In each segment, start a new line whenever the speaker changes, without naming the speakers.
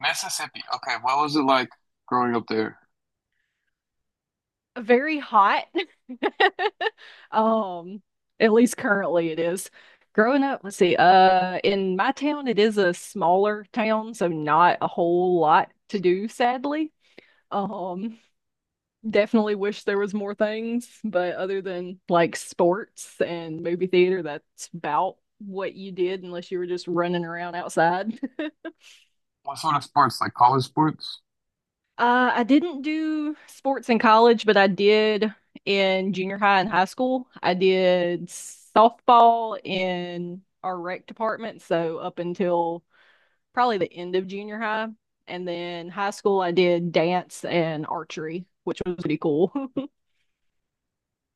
Mississippi. Okay, what was it like growing up there?
Very hot. Um, at least currently it is. Growing up, let's see, in my town, it is a smaller town, so not a whole lot to do, sadly. Um, Definitely wish there was more things, but other than like sports and movie theater, that's about what you did unless you were just running around outside.
What sort of sports? Like college sports?
I didn't do sports in college, but I did in junior high and high school. I did softball in our rec department, so up until probably the end of junior high. And then high school, I did dance and archery, which was pretty cool.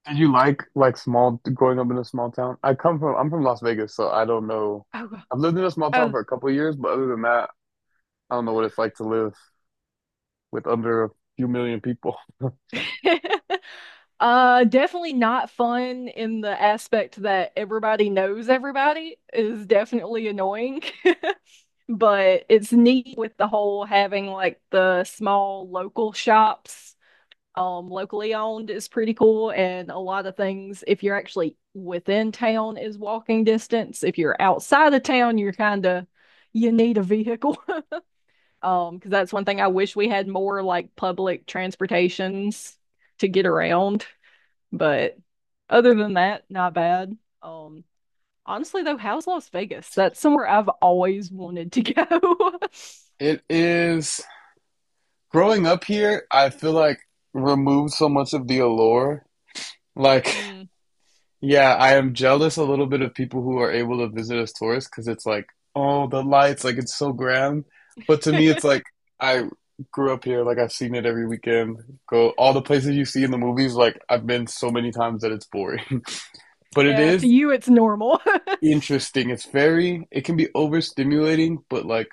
Did you like small growing up in a small town? I'm from Las Vegas, so I don't know.
Oh,
I've lived in a small town
oh.
for a couple of years, but other than that, I don't know what it's like to live with under a few million people.
Definitely not fun in the aspect that everybody knows everybody is definitely annoying. But it's neat with the whole having like the small local shops, um, locally owned is pretty cool. And a lot of things, if you're actually within town, is walking distance. If you're outside of town, you're kind of, you need a vehicle. Because that's one thing I wish we had more, like public transportations to get around. But other than that, not bad. um Honestly though, how's Las Vegas? That's somewhere I've always wanted to go.
It is growing up here, I feel like removed so much of the allure. Like,
Mm.
yeah, I am jealous a little bit of people who are able to visit as tourists because it's like, oh, the lights, like it's so grand. But to me, it's like I grew up here, like I've seen it every weekend. Go all the places you see in the movies, like I've been so many times that it's boring. But it
Yeah, to
is
you it's normal.
interesting. It can be overstimulating, but like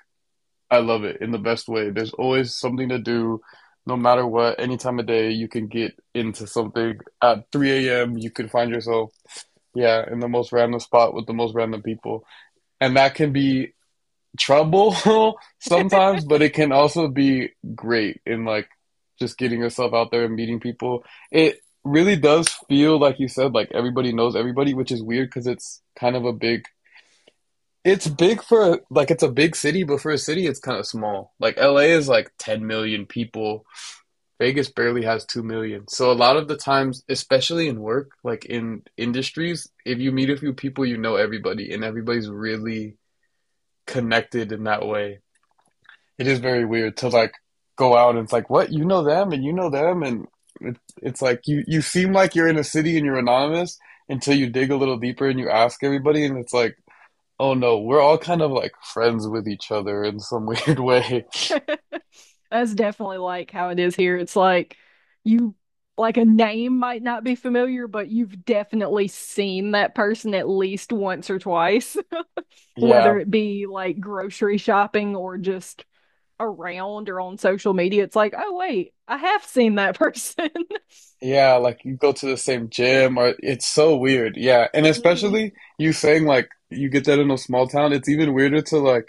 I love it in the best way. There's always something to do, no matter what, any time of day, you can get into something. At 3 a.m., you could find yourself, yeah, in the most random spot with the most random people. And that can be trouble sometimes, but it can also be great in like just getting yourself out there and meeting people. It really does feel like you said, like everybody knows everybody, which is weird because it's kind of a big, it's a big city, but for a city it's kind of small. Like LA is like 10 million people, Vegas barely has 2 million. So a lot of the times, especially in work, like in industries, if you meet a few people, you know everybody and everybody's really connected in that way. It is very weird to like go out and it's like, what? You know them and you know them. And it's like you seem like you're in a city and you're anonymous until you dig a little deeper and you ask everybody. And it's like, oh no, we're all kind of like friends with each other in some weird way.
That's definitely like how it is here. It's like, you, like a name might not be familiar, but you've definitely seen that person at least once or twice,
Yeah.
whether it be like grocery shopping or just around or on social media. It's like, oh wait, I have seen that person.
Yeah, like you go to the same gym or it's so weird. Yeah. And
Mhm.
especially you saying like you get that in a small town, it's even weirder to like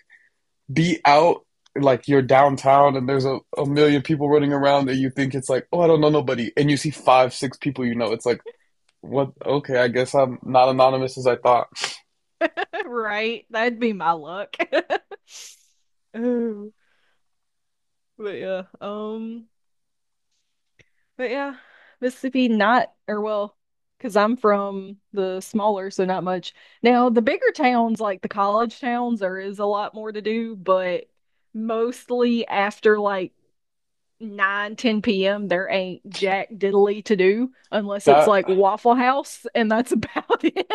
be out, like you're downtown and there's a million people running around and you think it's like, oh, I don't know nobody. And you see five, six people you know. It's like, what? Okay, I guess I'm not anonymous as I thought.
Right. That'd be my luck. Oh, but yeah. But yeah, Mississippi, not, or well, because I'm from the smaller, so not much. Now, the bigger towns, like the college towns, there is a lot more to do, but mostly after like 9, 10 p.m., there ain't jack diddly to do unless it's
That
like Waffle House, and that's about it.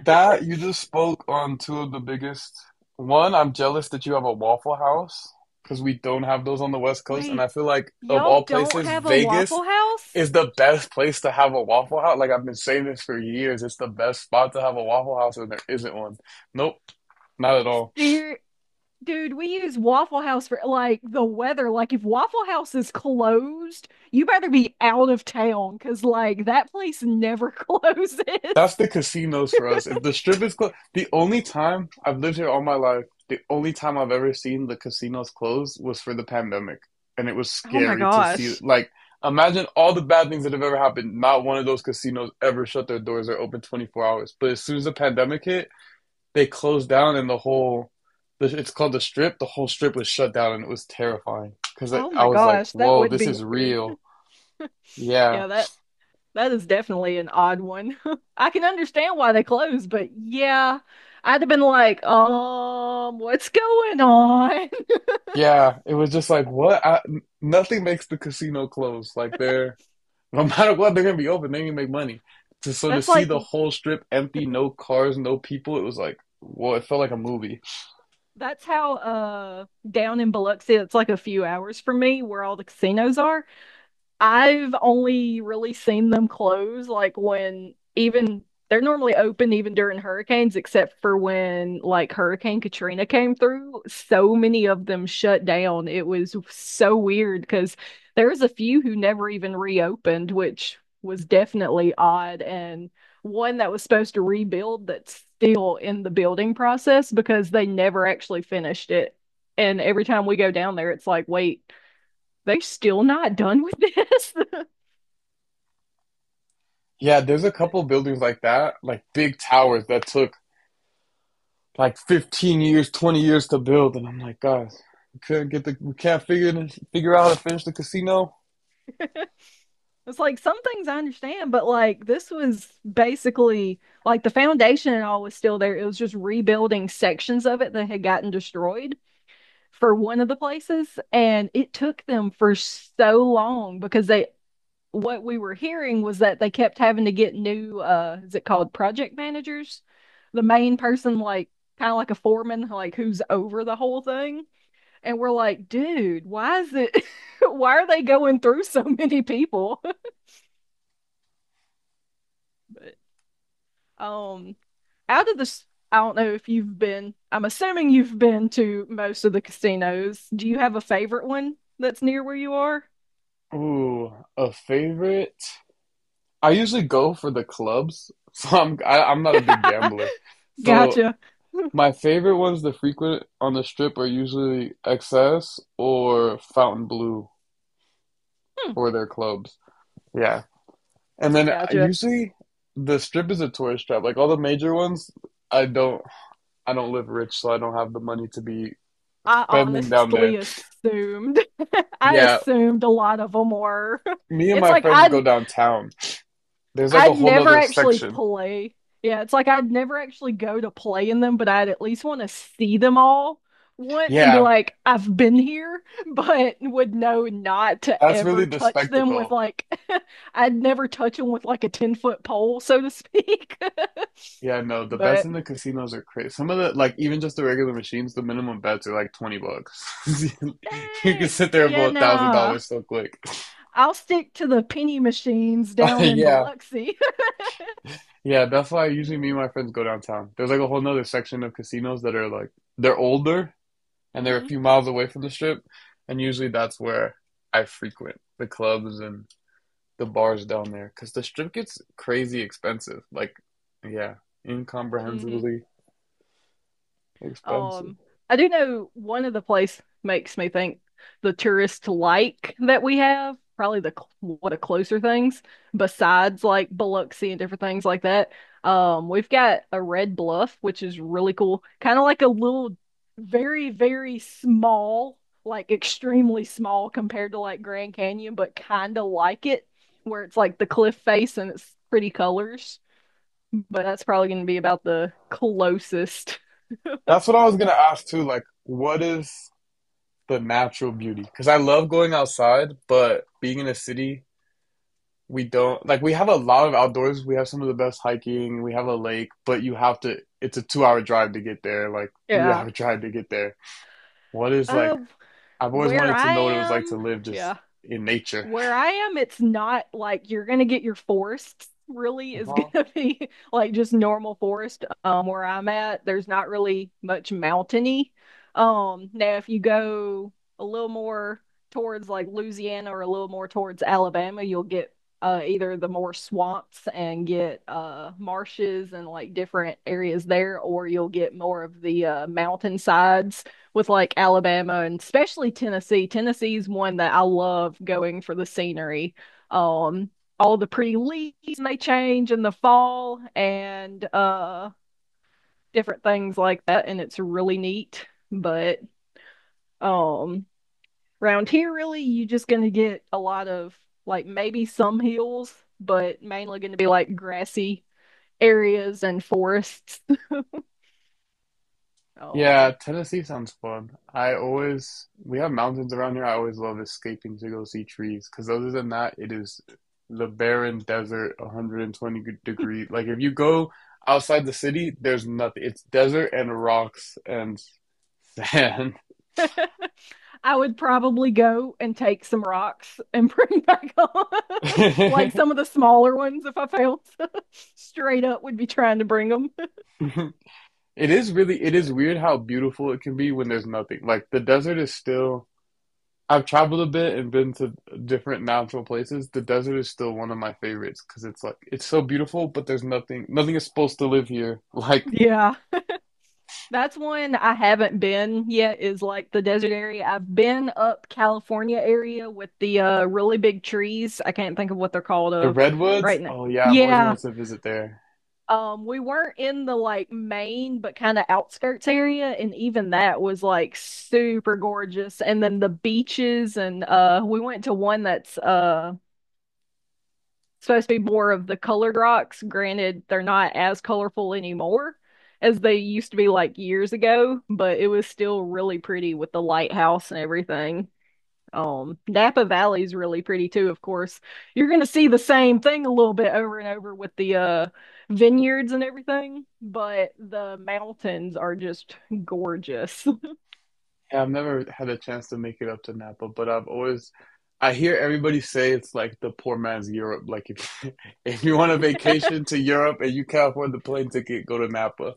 that you just spoke on two of the biggest. One, I'm jealous that you have a Waffle House because we don't have those on the West Coast, and I
Wait,
feel like of
y'all
all
don't
places,
have a
Vegas
Waffle House?
is the best place to have a Waffle House. Like I've been saying this for years. It's the best spot to have a Waffle House, and there isn't one. Nope, not at all.
Ser Dude, we use Waffle House for like the weather. Like, if Waffle House is closed, you better be out of town because, like, that place never closes.
That's the casinos for us. If the strip is closed, the only time I've lived here all my life, the only time I've ever seen the casinos close was for the pandemic, and it was
Oh my
scary to see.
gosh.
Like imagine all the bad things that have ever happened. Not one of those casinos ever shut their doors or open 24 hours. But as soon as the pandemic hit, they closed down and the whole it's called the strip, the whole strip was shut down and it was terrifying because I,
Oh
I
my
was like,
gosh, that
whoa,
would
this
be
is
weird.
real. Yeah.
Yeah, that is definitely an odd one. I can understand why they closed, but yeah, I'd have been like, what's going on?
Yeah, it was just like, nothing makes the casino close, like they're, no matter what they're gonna be open, they're gonna so to
That's
see
like
the whole strip empty, no cars, no people, it was like, well, it felt like a movie.
that's how, uh, down in Biloxi, it's like a few hours from me where all the casinos are. I've only really seen them close like when, even, they're normally open even during hurricanes, except for when like Hurricane Katrina came through. So many of them shut down. It was so weird because there was a few who never even reopened, which was definitely odd. And one that was supposed to rebuild that's still in the building process because they never actually finished it. And every time we go down there, it's like, wait, they're still not done with this.
Yeah, there's a couple buildings like that, like big towers that took like 15 years, 20 years to build, and I'm like, guys, we could get the we can't figure out how to finish the casino.
It's like, some things I understand, but like this was basically like the foundation and all was still there. It was just rebuilding sections of it that had gotten destroyed for one of the places. And it took them for so long because they, what we were hearing was that they kept having to get new, is it called project managers? The main person, like kind of like a foreman, like who's over the whole thing. And we're like, dude, why is it, why are they going through so many people? Um, Out of this, I don't know if you've been, I'm assuming you've been to most of the casinos. Do you have a favorite one that's near where you are?
Ooh, a favorite. I usually go for the clubs, so I'm not a big gambler. So
Gotcha. Hmm,
my favorite ones that frequent on the strip are usually XS or Fountain Blue for their clubs. Yeah, and then
gotcha.
usually the strip is a tourist trap. Like all the major ones, I don't I don't live rich, so I don't have the money to be
I
spending down
honestly
there.
assumed. I
Yeah,
assumed a lot of them were.
me and
It's
my
like
friends
I
go downtown. There's like a
I'd
whole
never
nother
actually
section.
play. Yeah, it's like I'd never actually go to play in them, but I'd at least want to see them all once and be
Yeah,
like, I've been here, but would know not to
that's really
ever
the
touch them with
spectacle.
like, I'd never touch them with like a 10-foot foot pole, so to speak.
Yeah, no, the bets
But
in the casinos are crazy. Some of the, like even just the regular machines, the minimum bets are like $20. You can
dang,
sit there and blow
yeah,
a thousand
nah,
dollars so quick.
I'll stick to the penny machines down in
Yeah,
Biloxi.
yeah, that's why usually me
Mm-hmm,
and my friends go downtown. There's like a whole nother section of casinos that are like, they're older and they're a few miles away from the strip, and usually that's where I frequent the clubs and the bars down there because the strip gets crazy expensive. Like, yeah,
mm-hmm.
incomprehensibly expensive.
Um, I do know one of the place makes me think the tourist like that we have, probably the one of the closer things besides like Biloxi and different things like that. We've got a Red Bluff, which is really cool. Kind of like a little, very, very small, like extremely small compared to like Grand Canyon, but kind of like it, where it's like the cliff face and it's pretty colors. But that's probably going to be about the closest.
That's what I was gonna ask too. Like, what is the natural beauty? Because I love going outside, but being in a city, we don't like. We have a lot of outdoors. We have some of the best hiking. We have a lake, but you have to. It's a two-hour drive to get there. Like
Yeah.
three-hour drive to get there. What is like?
Uh,
I've always
where
wanted to
I
know what it was like to
am,
live
yeah,
just in nature.
where I am, it's not like you're gonna get your forests, really is
Uh-huh.
gonna be like just normal forest. Where I'm at, there's not really much mountainy. Now if you go a little more towards like Louisiana or a little more towards Alabama, you'll get, uh, either the more swamps and get, uh, marshes and like different areas there, or you'll get more of the, uh, mountain sides with like Alabama and especially Tennessee. Tennessee's one that I love going for the scenery. Um, all the pretty leaves may change in the fall, and, uh, different things like that, and it's really neat. But um around here, really, you're just gonna get a lot of, like, maybe some hills, but mainly gonna be like grassy areas and forests.
Yeah,
Um
Tennessee sounds fun. I always We have mountains around here. I always love escaping to go see trees because other than that, it is the barren desert, 120 degree. Like if you go outside the city, there's nothing. It's desert and rocks and sand.
I would probably go and take some rocks and bring back on, like some of the smaller ones. If I failed, straight up would be trying to bring them.
It is really, it is
Right.
weird how beautiful it can be when there's nothing. Like the desert is still, I've traveled a bit and been to different natural places. The desert is still one of my favorites because it's like it's so beautiful, but there's nothing nothing is supposed to live here. Like
Yeah, that's one I haven't been yet. Is like the desert area. I've been up California area with the, uh, really big trees. I can't think of what they're called
the
of
redwoods,
right now.
oh yeah, I've always
Yeah.
wanted to visit there.
We weren't in the like main, but kind of outskirts area, and even that was like super gorgeous. And then the beaches, and, we went to one that's, uh, supposed to be more of the colored rocks. Granted, they're not as colorful anymore as they used to be like years ago, but it was still really pretty with the lighthouse and everything. Napa Valley is really pretty too, of course. You're gonna see the same thing a little bit over and over with the, uh, vineyards and everything, but the mountains are just gorgeous.
Yeah, I've never had a chance to make it up to Napa, but I hear everybody say it's like the poor man's Europe. Like if, if you want a vacation to Europe and you can't afford the plane ticket, go to Napa.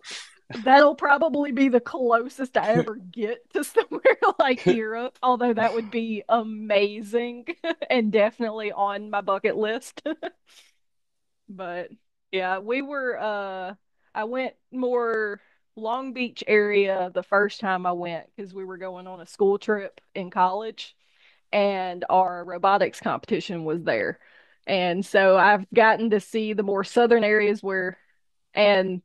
That'll probably be the closest I ever get to somewhere like Europe, although that would be amazing and definitely on my bucket list. But yeah, we were I went more Long Beach area the first time I went because we were going on a school trip in college and our robotics competition was there. And so I've gotten to see the more southern areas where, and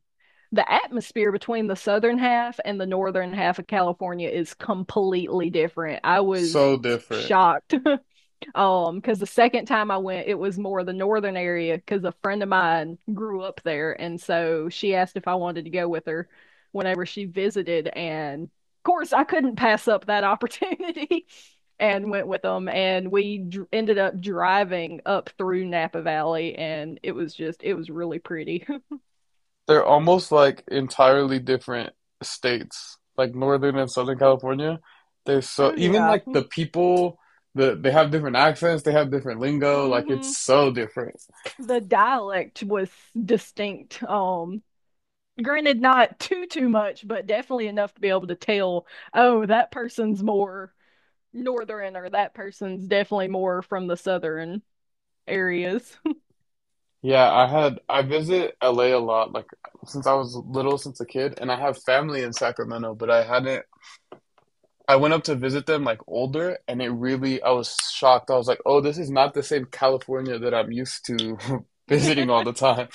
the atmosphere between the southern half and the northern half of California is completely different. I was
So different.
shocked. Because the second time I went, it was more the northern area because a friend of mine grew up there, and so she asked if I wanted to go with her whenever she visited, and of course I couldn't pass up that opportunity and went with them, and we dr ended up driving up through Napa Valley, and it was just, it was really pretty.
They're almost like entirely different states, like Northern and Southern California. They're so
Oh
Even
yeah.
like the people, they have different accents, they have different lingo, like it's
Hmm.
so different.
The dialect was distinct. Granted, not too much, but definitely enough to be able to tell, oh, that person's more northern or that person's definitely more from the southern areas.
Yeah, I visit LA a lot, like since I was little, since a kid, and I have family in Sacramento, but I hadn't I went up to visit them like older, and it really I was shocked. I was like, "Oh, this is not the same California that I'm used to visiting all the time."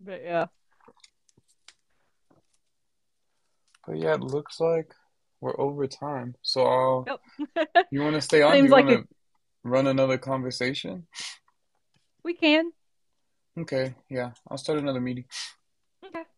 But yeah.
But yeah, it looks like we're over time. So,
Yep.
you want to stay on? Do
Seems
you want
like a,
to run another conversation?
we can.
Okay, yeah, I'll start another meeting.
Okay.